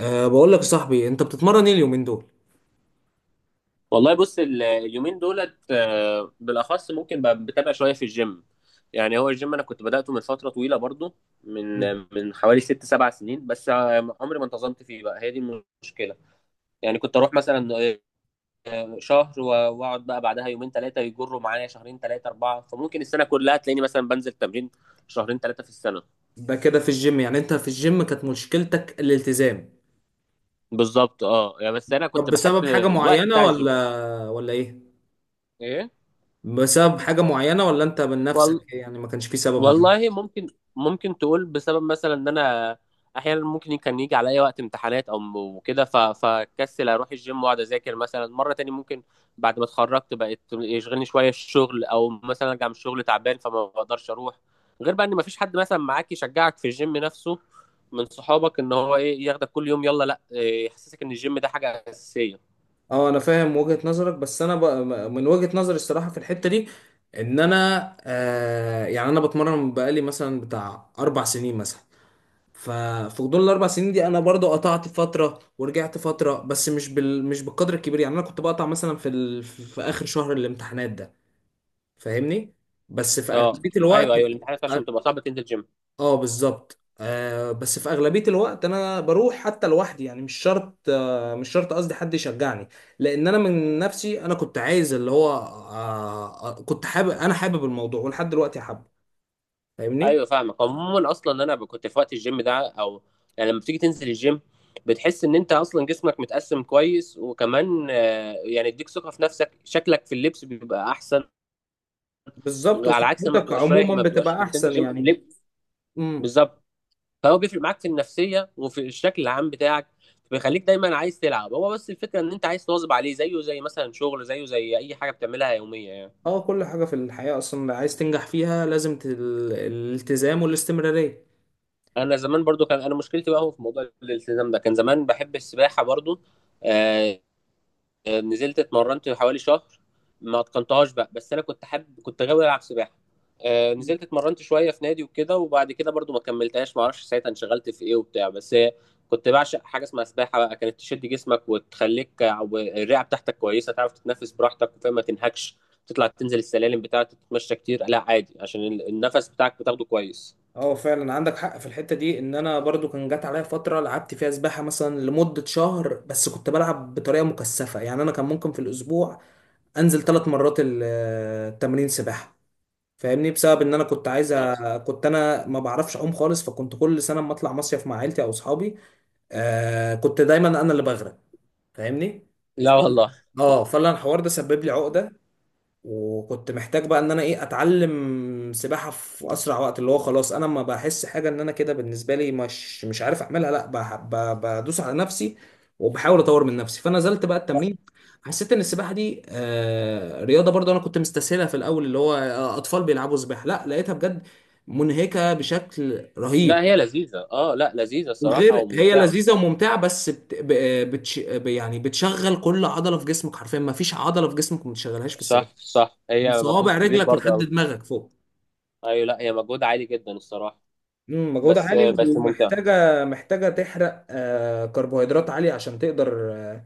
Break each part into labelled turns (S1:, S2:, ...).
S1: بقول لك يا صاحبي، انت بتتمرن ايه اليومين دول؟
S2: والله بص اليومين دولت بالاخص ممكن بقى بتابع شويه في الجيم. يعني هو الجيم انا كنت بداته من فتره طويله برضو،
S1: مم.
S2: من من حوالي ست سبع سنين. بس عمري ما انتظمت فيه بقى، هي دي المشكله. يعني كنت اروح مثلا شهر و- واقعد بقى بعدها يومين ثلاثه، يجروا معايا شهرين ثلاثه اربعه، فممكن السنه كلها تلاقيني مثلا بنزل تمرين شهرين ثلاثه في السنه.
S1: ده كده في الجيم، يعني انت في الجيم كانت مشكلتك الالتزام؟
S2: بالظبط، اه، يعني بس انا
S1: طب
S2: كنت بحب
S1: بسبب حاجة
S2: الوقت
S1: معينة
S2: بتاع الجيم.
S1: ولا ايه؟
S2: ايه؟
S1: بسبب حاجة معينة ولا انت من نفسك إيه؟ يعني ما كانش في سبب معين.
S2: والله ممكن، ممكن تقول بسبب مثلا ان انا احيانا ممكن كان يجي عليا وقت امتحانات او وكده فكسل اروح الجيم واقعد اذاكر، مثلا مره تاني ممكن بعد ما اتخرجت بقت يشغلني شويه الشغل، او مثلا ارجع من الشغل تعبان فما بقدرش اروح. غير بقى ان ما فيش حد مثلا معاك يشجعك في الجيم نفسه، من صحابك، ان هو ايه ياخدك كل يوم يلا لا يحسسك ان الجيم ده حاجه اساسيه.
S1: اه، انا فاهم وجهة نظرك، بس انا بقى من وجهة نظري الصراحة في الحتة دي ان انا يعني انا بتمرن بقالي مثلا بتاع اربع سنين مثلا. ففي غضون الاربع سنين دي انا برضو قطعت فتره ورجعت فتره، بس مش بالقدر الكبير، يعني انا كنت بقطع مثلا في اخر شهر الامتحانات ده. فاهمني؟ بس في
S2: اه
S1: اغلبيه الوقت.
S2: ايوه ايوه، الامتحانات عشان بتبقى صعبه تنزل جيم.
S1: اه، بالظبط. بس في اغلبيه الوقت انا بروح حتى لوحدي، يعني مش شرط قصدي حد يشجعني، لان انا من نفسي. انا كنت عايز اللي هو، كنت حابب، انا حابب الموضوع ولحد دلوقتي حابه. فاهمني؟
S2: ايوه فاهمك. عموما اصلا انا ب- كنت في وقت الجيم ده، او يعني لما بتيجي تنزل الجيم بتحس ان انت اصلا جسمك متقسم كويس، وكمان يعني يديك ثقه في نفسك، شكلك في اللبس بيبقى احسن.
S1: بالظبط،
S2: على عكس لما
S1: وصحتك
S2: بتبقاش رايح،
S1: عموما
S2: ما بتبقاش
S1: بتبقى
S2: بتنزل
S1: احسن
S2: جيم
S1: يعني.
S2: لب-.
S1: امم
S2: بالظبط. فهو بيفرق معاك في النفسيه وفي الشكل العام بتاعك، بيخليك دايما عايز تلعب. هو بس الفكره ان انت عايز تواظب عليه، زيه زي مثلا شغل، زيه زي اي حاجه بتعملها يوميه يعني.
S1: اه، كل حاجة في الحياة أصلا عايز تنجح فيها لازم الالتزام والاستمرارية.
S2: انا زمان برضو كان انا مشكلتي بقى هو في موضوع الالتزام ده. كان زمان بحب السباحه برضو، آه، نزلت اتمرنت حوالي شهر، ما اتقنتهاش بقى. بس انا كنت حابب، كنت غاوي العب سباحه.
S1: مم.
S2: نزلت اتمرنت شويه في نادي وكده، وبعد كده برضو ما كملتهاش، ما اعرفش ساعتها انشغلت في ايه وبتاع. بس كنت بعشق حاجه اسمها سباحه بقى، كانت تشد جسمك وتخليك، او الرئه بتاعتك كويسه تعرف تتنفس براحتك وفاهم ما تنهكش. تطلع تنزل السلالم بتاعتك، تتمشى كتير لا عادي، عشان ال- النفس بتاعك بتاخده كويس.
S1: اه، فعلا عندك حق في الحتة دي، ان انا برضو كان جات عليا فترة لعبت فيها سباحة مثلا لمدة شهر، بس كنت بلعب بطريقة مكثفة، يعني انا كان ممكن في الاسبوع انزل ثلاث مرات التمرين سباحة. فاهمني؟ بسبب ان انا كنت عايز
S2: آه.
S1: كنت انا ما بعرفش اعوم خالص، فكنت كل سنة اما اطلع مصيف مع عيلتي او اصحابي. كنت دايما انا اللي بغرق. فاهمني؟
S2: لا
S1: فأنا-
S2: والله.
S1: اه، فعلا الحوار ده سبب لي عقدة، وكنت محتاج بقى ان انا ايه اتعلم سباحه في اسرع وقت، اللي هو خلاص انا ما بحس حاجه، ان انا كده بالنسبه لي مش مش عارف اعملها، لا بدوس على نفسي وبحاول اطور من نفسي. فنزلت بقى
S2: لا
S1: التمرين، حسيت ان السباحه دي رياضه، برضو انا كنت مستسهلها في الاول، اللي هو اطفال بيلعبوا سباحه، لا لقيتها بجد منهكه بشكل رهيب.
S2: لا هي لذيذه. اه لا لذيذه الصراحه
S1: وغير هي
S2: وممتعه.
S1: لذيذه وممتعه، بس يعني بتشغل كل عضله في جسمك حرفيا، ما فيش عضله في جسمك ما بتشغلهاش في السباحه.
S2: صح صح،
S1: من
S2: هي مجهود
S1: صوابع
S2: كبير
S1: رجلك لحد
S2: برضه.
S1: دماغك فوق.
S2: ايوه لا هي مجهود عالي جدا الصراحه.
S1: مجهودها
S2: بس
S1: عالي،
S2: بس ممتع.
S1: ومحتاجة محتاجة تحرق كربوهيدرات عالية عشان تقدر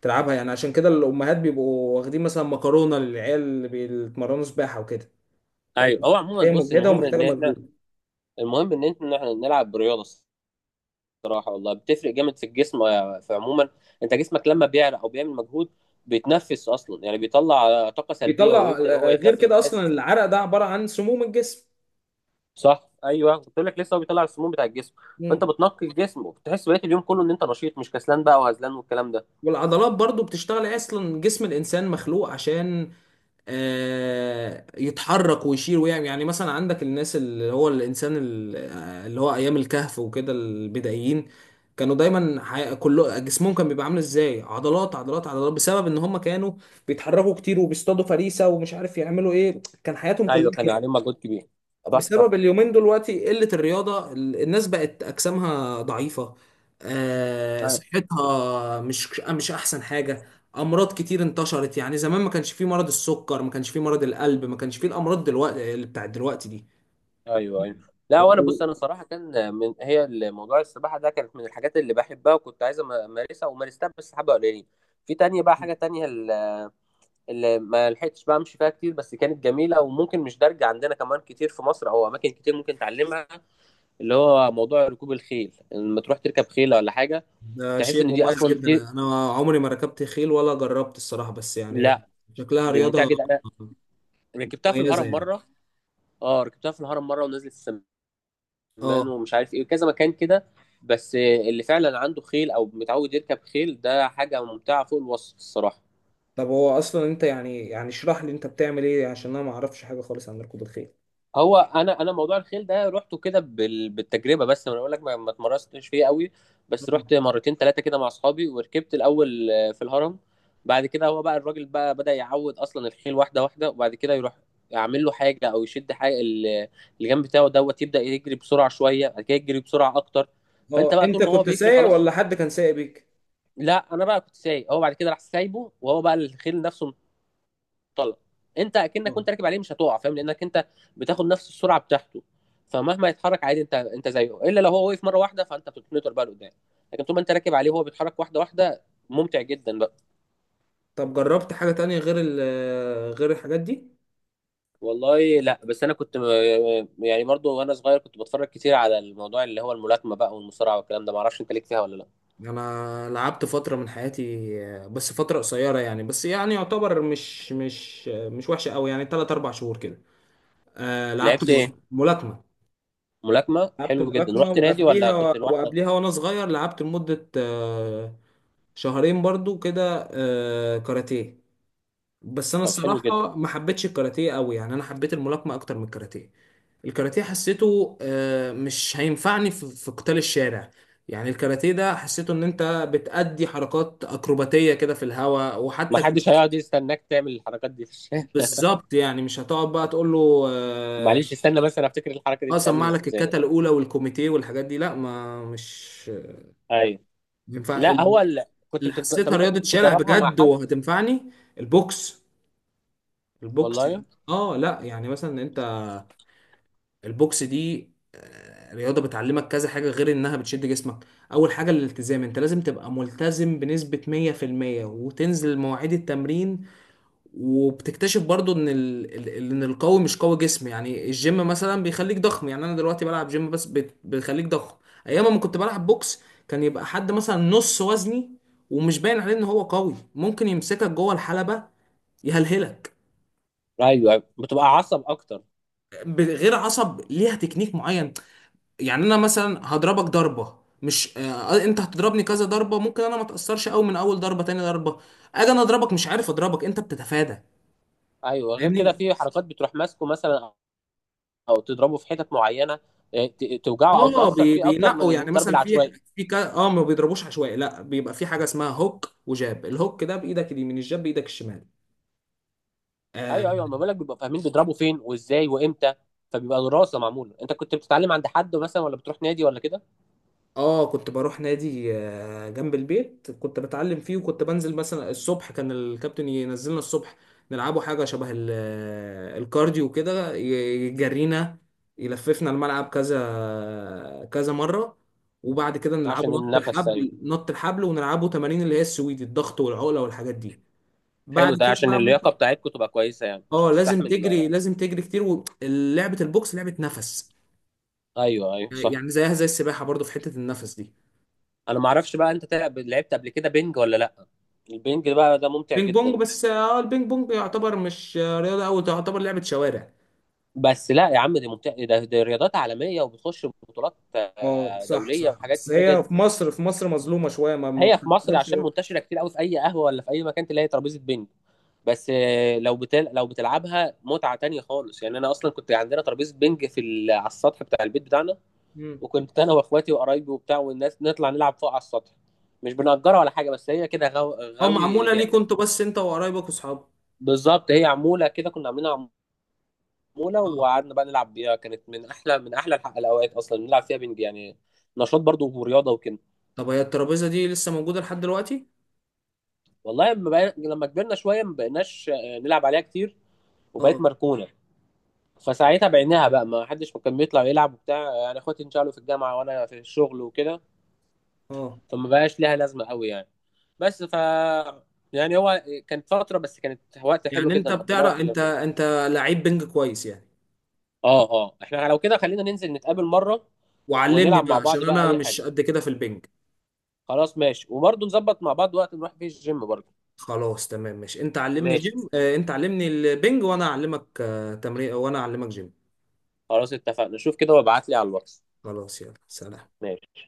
S1: تلعبها يعني. عشان كده الأمهات بيبقوا واخدين مثلا مكرونة للعيال اللي بيتمرنوا سباحة وكده.
S2: ايوه
S1: فاهم؟
S2: هو عموما،
S1: هي
S2: بص
S1: مجهدة
S2: المهم ان
S1: ومحتاجة
S2: احنا،
S1: مجهود.
S2: المهم ان احنا إحنا نلعب برياضه. الصراحه والله بتفرق جامد في الجسم، في عموما انت جسمك لما بيعرق او بيعمل مجهود بيتنفس اصلا. يعني بيطلع طاقه سلبيه
S1: بيطلع
S2: ويبدا هو
S1: غير
S2: يتنفس
S1: كده
S2: وتحس.
S1: أصلا العرق ده عبارة عن سموم الجسم.
S2: صح ايوه، قلت لك لسه، هو بيطلع السموم بتاع الجسم. فانت
S1: مم.
S2: بتنقي الجسم، وبتحس بقيه اليوم كله ان انت نشيط، مش كسلان بقى وهزلان والكلام ده.
S1: والعضلات برضو بتشتغل، اصلا جسم الانسان مخلوق عشان يتحرك ويشيل ويعمل. يعني مثلا عندك الناس، اللي هو الانسان اللي هو ايام الكهف وكده، البدائيين كانوا دايما كله جسمهم كان بيبقى عامل ازاي، عضلات عضلات عضلات، بسبب ان هم كانوا بيتحركوا كتير وبيصطادوا فريسة ومش عارف يعملوا ايه، كان حياتهم
S2: ايوه
S1: كلها
S2: كان
S1: كده.
S2: عليه مجهود كبير. صح صح.
S1: بسبب اليومين دلوقتي قلة الرياضة الناس بقت أجسامها ضعيفة. صحتها مش مش أحسن حاجة. أمراض كتير انتشرت، يعني زمان ما كانش فيه مرض السكر، ما كانش فيه مرض القلب، ما كانش فيه الأمراض دلوقتي اللي بتاعت دلوقتي دي.
S2: ايوه ايوه. لا وانا
S1: و-
S2: بص، انا صراحه كان من، هي موضوع السباحه ده كانت من الحاجات اللي بحبها، وكنت عايز امارسها ومارستها بس حبه قليلين. في تانية بقى، حاجه تانية ال- اللي ما لحقتش بقى امشي فيها كتير، بس كانت جميله وممكن مش دارجه عندنا كمان كتير في مصر، او اماكن كتير ممكن تعلمها. اللي هو موضوع ركوب الخيل، لما تروح تركب خيله ولا حاجه.
S1: ده
S2: تحس
S1: شيء
S2: ان دي
S1: مميز
S2: اصلا
S1: جدا،
S2: دي،
S1: أنا عمري ما ركبت خيل ولا جربت الصراحة، بس يعني
S2: لا
S1: شكلها
S2: دي ممتعه
S1: رياضة
S2: جدا. انا ركبتها في
S1: مميزة
S2: الهرم
S1: يعني.
S2: مره. اه ركبتها في الهرم مره، ونزلت السماء
S1: اه.
S2: مان ومش عارف ايه وكذا مكان كده. بس اللي فعلا عنده خيل او متعود يركب خيل، ده حاجه ممتعه فوق الوصف الصراحه.
S1: طب هو أصلا أنت، يعني اشرح لي، أنت بتعمل إيه؟ عشان أنا ما أعرفش حاجة خالص عن ركوب الخيل.
S2: هو انا، انا موضوع الخيل ده رحته كده بال- بالتجربه، بس انا بقول لك ما اتمرستش فيه قوي. بس رحت مرتين ثلاثه كده مع اصحابي وركبت الاول في الهرم. بعد كده هو بقى الراجل بقى بدأ يعود اصلا الخيل واحده واحده، وبعد كده يروح يعمل له حاجه او يشد حاجه ال- اللي جنب بتاعه دوت، يبدأ يجري بسرعه شويه، بعد كده يجري بسرعه اكتر. فانت
S1: اه،
S2: بقى
S1: انت
S2: طول ما هو
S1: كنت
S2: بيجري
S1: سايق
S2: خلاص.
S1: ولا حد كان سايق بيك؟
S2: لا انا بقى كنت سايق، هو بعد كده راح سايبه وهو بقى الخيل نفسه انطلق. انت اكنك
S1: اه.
S2: كنت راكب عليه مش هتقع، فاهم، لانك انت بتاخد نفس السرعه بتاعته. فمهما يتحرك عادي انت انت زيه، الا لو هو وقف مره واحده فانت بتتنطر بقى لقدام. لكن طول ما انت راكب عليه وهو بيتحرك واحده واحده، ممتع جدا بقى.
S1: طب جربت حاجة تانية غير ال غير الحاجات دي؟
S2: والله لا. بس انا كنت يعني برضو وانا صغير كنت بتفرج كتير على الموضوع اللي هو الملاكمه بقى والمصارعه والكلام ده، معرفش انت ليك فيها ولا لا.
S1: انا لعبت فترة من حياتي، بس فترة قصيرة يعني، بس يعني يعتبر مش وحشة قوي، يعني 3 4 شهور كده. آه لعبت
S2: لعبت
S1: مل-
S2: ايه؟
S1: ملاكمة.
S2: ملاكمه،
S1: لعبت
S2: حلو جدا.
S1: ملاكمة،
S2: رحت نادي ولا
S1: وقبليها
S2: كنت لوحدك؟
S1: وقبليها وانا صغير لعبت لمدة شهرين برضو كده كاراتيه. بس انا
S2: طب حلو جدا.
S1: الصراحة ما حبيتش الكاراتيه قوي، يعني انا حبيت الملاكمة اكتر من الكاراتيه. الكاراتيه حسيته مش هينفعني في قتال الشارع، يعني الكاراتيه ده حسيته ان انت بتأدي حركات اكروباتيه كده في الهواء،
S2: ما حدش هيقعد يستناك تعمل الحركات دي في الشارع.
S1: بالظبط، يعني مش هتقعد بقى تقول له اه.
S2: معلش استنى، بس انا افتكر الحركه دي بتتعمل
S1: سمع لك
S2: ازاي.
S1: الكاتا الاولى والكوميتيه والحاجات دي، لا ما مش
S2: ايوه.
S1: ينفع
S2: لا هو
S1: اللي
S2: ال... كنت بتد... طب
S1: حسيتها
S2: انت
S1: رياضه
S2: كنت
S1: شارع
S2: بتتدربها مع
S1: بجد
S2: حد؟
S1: وهتنفعني. البوكس. البوكس.
S2: والله.
S1: اه لا، يعني مثلا البوكس دي رياضة بتعلمك كذا حاجة غير انها بتشد جسمك. اول حاجة الالتزام، انت لازم تبقى ملتزم بنسبة 100% وتنزل مواعيد التمرين. وبتكتشف برضو ان ال... ال- ال- ان القوي مش قوي جسم، يعني الجيم مثلا بيخليك ضخم، يعني انا دلوقتي بلعب جيم، بس بيخليك ضخم. ايام ما كنت بلعب بوكس كان يبقى حد مثلا نص وزني، ومش باين عليه ان هو قوي، ممكن يمسكك جوه الحلبة يهلهلك.
S2: ايوه. أيوة. بتبقى عصب اكتر.
S1: غير عصب، ليها تكنيك معين. يعني انا مثلا هضربك ضربه، مش انت هتضربني كذا ضربه ممكن انا ما اتاثرش قوي من اول ضربه تاني ضربه. اجي انا اضربك مش عارف اضربك، انت بتتفادى.
S2: ايوه غير كده
S1: فاهمني؟
S2: في حركات بتروح ماسكه مثلا، او تضربه في حتت معينه. توجعه او
S1: اه،
S2: تاثر فيه اكتر
S1: بينقوا،
S2: من
S1: يعني
S2: الضرب
S1: مثلا في
S2: العشوائي.
S1: في اه، ما بيضربوش عشوائي، لا بيبقى في حاجه اسمها هوك وجاب، الهوك ده بايدك اليمين، الجاب بايدك الشمال. آه،
S2: ايوه ايوه، ما بالك بيبقى فاهمين بيضربوا فين وازاي وامتى، فبيبقى دراسه معموله. انت كنت بتتعلم عند حد مثلا ولا بتروح نادي ولا كده؟
S1: اه، كنت بروح نادي جنب البيت كنت بتعلم فيه، وكنت بنزل مثلا الصبح، كان الكابتن ينزلنا الصبح نلعبوا حاجة شبه الكارديو كده، يجرينا يلففنا الملعب كذا كذا مرة. وبعد كده نلعبه
S2: عشان
S1: نط
S2: النفس سليم.
S1: الحبل نط الحبل ونلعبه تمارين اللي هي السويدي، الضغط والعقلة والحاجات دي.
S2: حلو،
S1: بعد
S2: ده
S1: كده
S2: عشان
S1: بقى ممكن.
S2: اللياقه بتاعتكم تبقى كويسه يعني عشان
S1: اه، لازم
S2: تستحمل.
S1: تجري، لازم تجري كتير، ولعبة البوكس لعبة نفس،
S2: ايوه ايوه صح.
S1: يعني زيها زي السباحة برضو في حتة النفس دي.
S2: انا ما اعرفش بقى انت تلعب، لعبت قبل كده بينج ولا لا؟ البينج ده بقى، ده ممتع
S1: بينج بونج؟
S2: جدا.
S1: بس اه، البينج بونج يعتبر مش رياضة أوي، تعتبر لعبة شوارع.
S2: بس لا يا عم دي ممتع، ده دي رياضات عالميه وبتخش بطولات
S1: اه صح
S2: دوليه
S1: صح،
S2: وحاجات
S1: بس
S2: كبيره
S1: هي
S2: جدا.
S1: في مصر، في مصر مظلومة شوية، ما
S2: هي في مصر
S1: بتقدرش.
S2: عشان منتشره كتير قوي، في اي قهوه ولا في اي مكان تلاقي ترابيزه بينج. بس لو بتل... لو بتلعبها متعه تانية خالص يعني. انا اصلا كنت عندنا ترابيزه بينج في ال... على السطح بتاع البيت بتاعنا،
S1: مم.
S2: وكنت انا واخواتي وقرايبي وبتاع والناس نطلع نلعب فوق على السطح. مش بنأجرها ولا حاجه، بس هي كده غو...
S1: اه
S2: غاوي
S1: معمولة
S2: لعب.
S1: ليك انتوا، بس انت وقرايبك واصحابك؟
S2: بالظبط، هي عموله كده كنا عاملينها. عموله
S1: اه.
S2: وقعدنا بقى نلعب بيها، كانت من احلى، من احلى الح- الاوقات اصلا نلعب فيها بنج يعني. نشاط برضو ورياضه وكده.
S1: طب هي الترابيزة دي لسه موجودة لحد دلوقتي؟
S2: والله لما بقى... لما كبرنا شويه ما بقيناش نلعب عليها كتير وبقت
S1: اه
S2: مركونه. فساعتها بعناها بقى، ما حدش كان بيطلع يلعب وبتاع، يعني اخواتي انشغلوا في الجامعه وانا في الشغل وكده،
S1: اه.
S2: فما بقاش ليها لازمه قوي يعني. بس ف يعني هو كانت فتره بس كانت وقت حلو
S1: يعني انت
S2: جدا قضيناها
S1: بتعرف،
S2: في
S1: انت
S2: الافلام.
S1: انت لعيب بينج كويس يعني؟
S2: اه اه، احنا لو كده خلينا ننزل نتقابل مره
S1: وعلمني
S2: ونلعب
S1: بقى
S2: مع بعض
S1: عشان
S2: بقى
S1: انا
S2: اي
S1: مش
S2: حاجه.
S1: قد كده في البينج.
S2: خلاص ماشي، وبرضه نظبط مع بعض وقت نروح فيه الجيم برضه.
S1: خلاص تمام، ماشي، انت علمني
S2: ماشي.
S1: جيم، انت علمني البينج، وانا اعلمك تمرين، وانا اعلمك جيم.
S2: خلاص اتفقنا، شوف كده وابعت لي على الواتس.
S1: خلاص يلا، سلام.
S2: ماشي.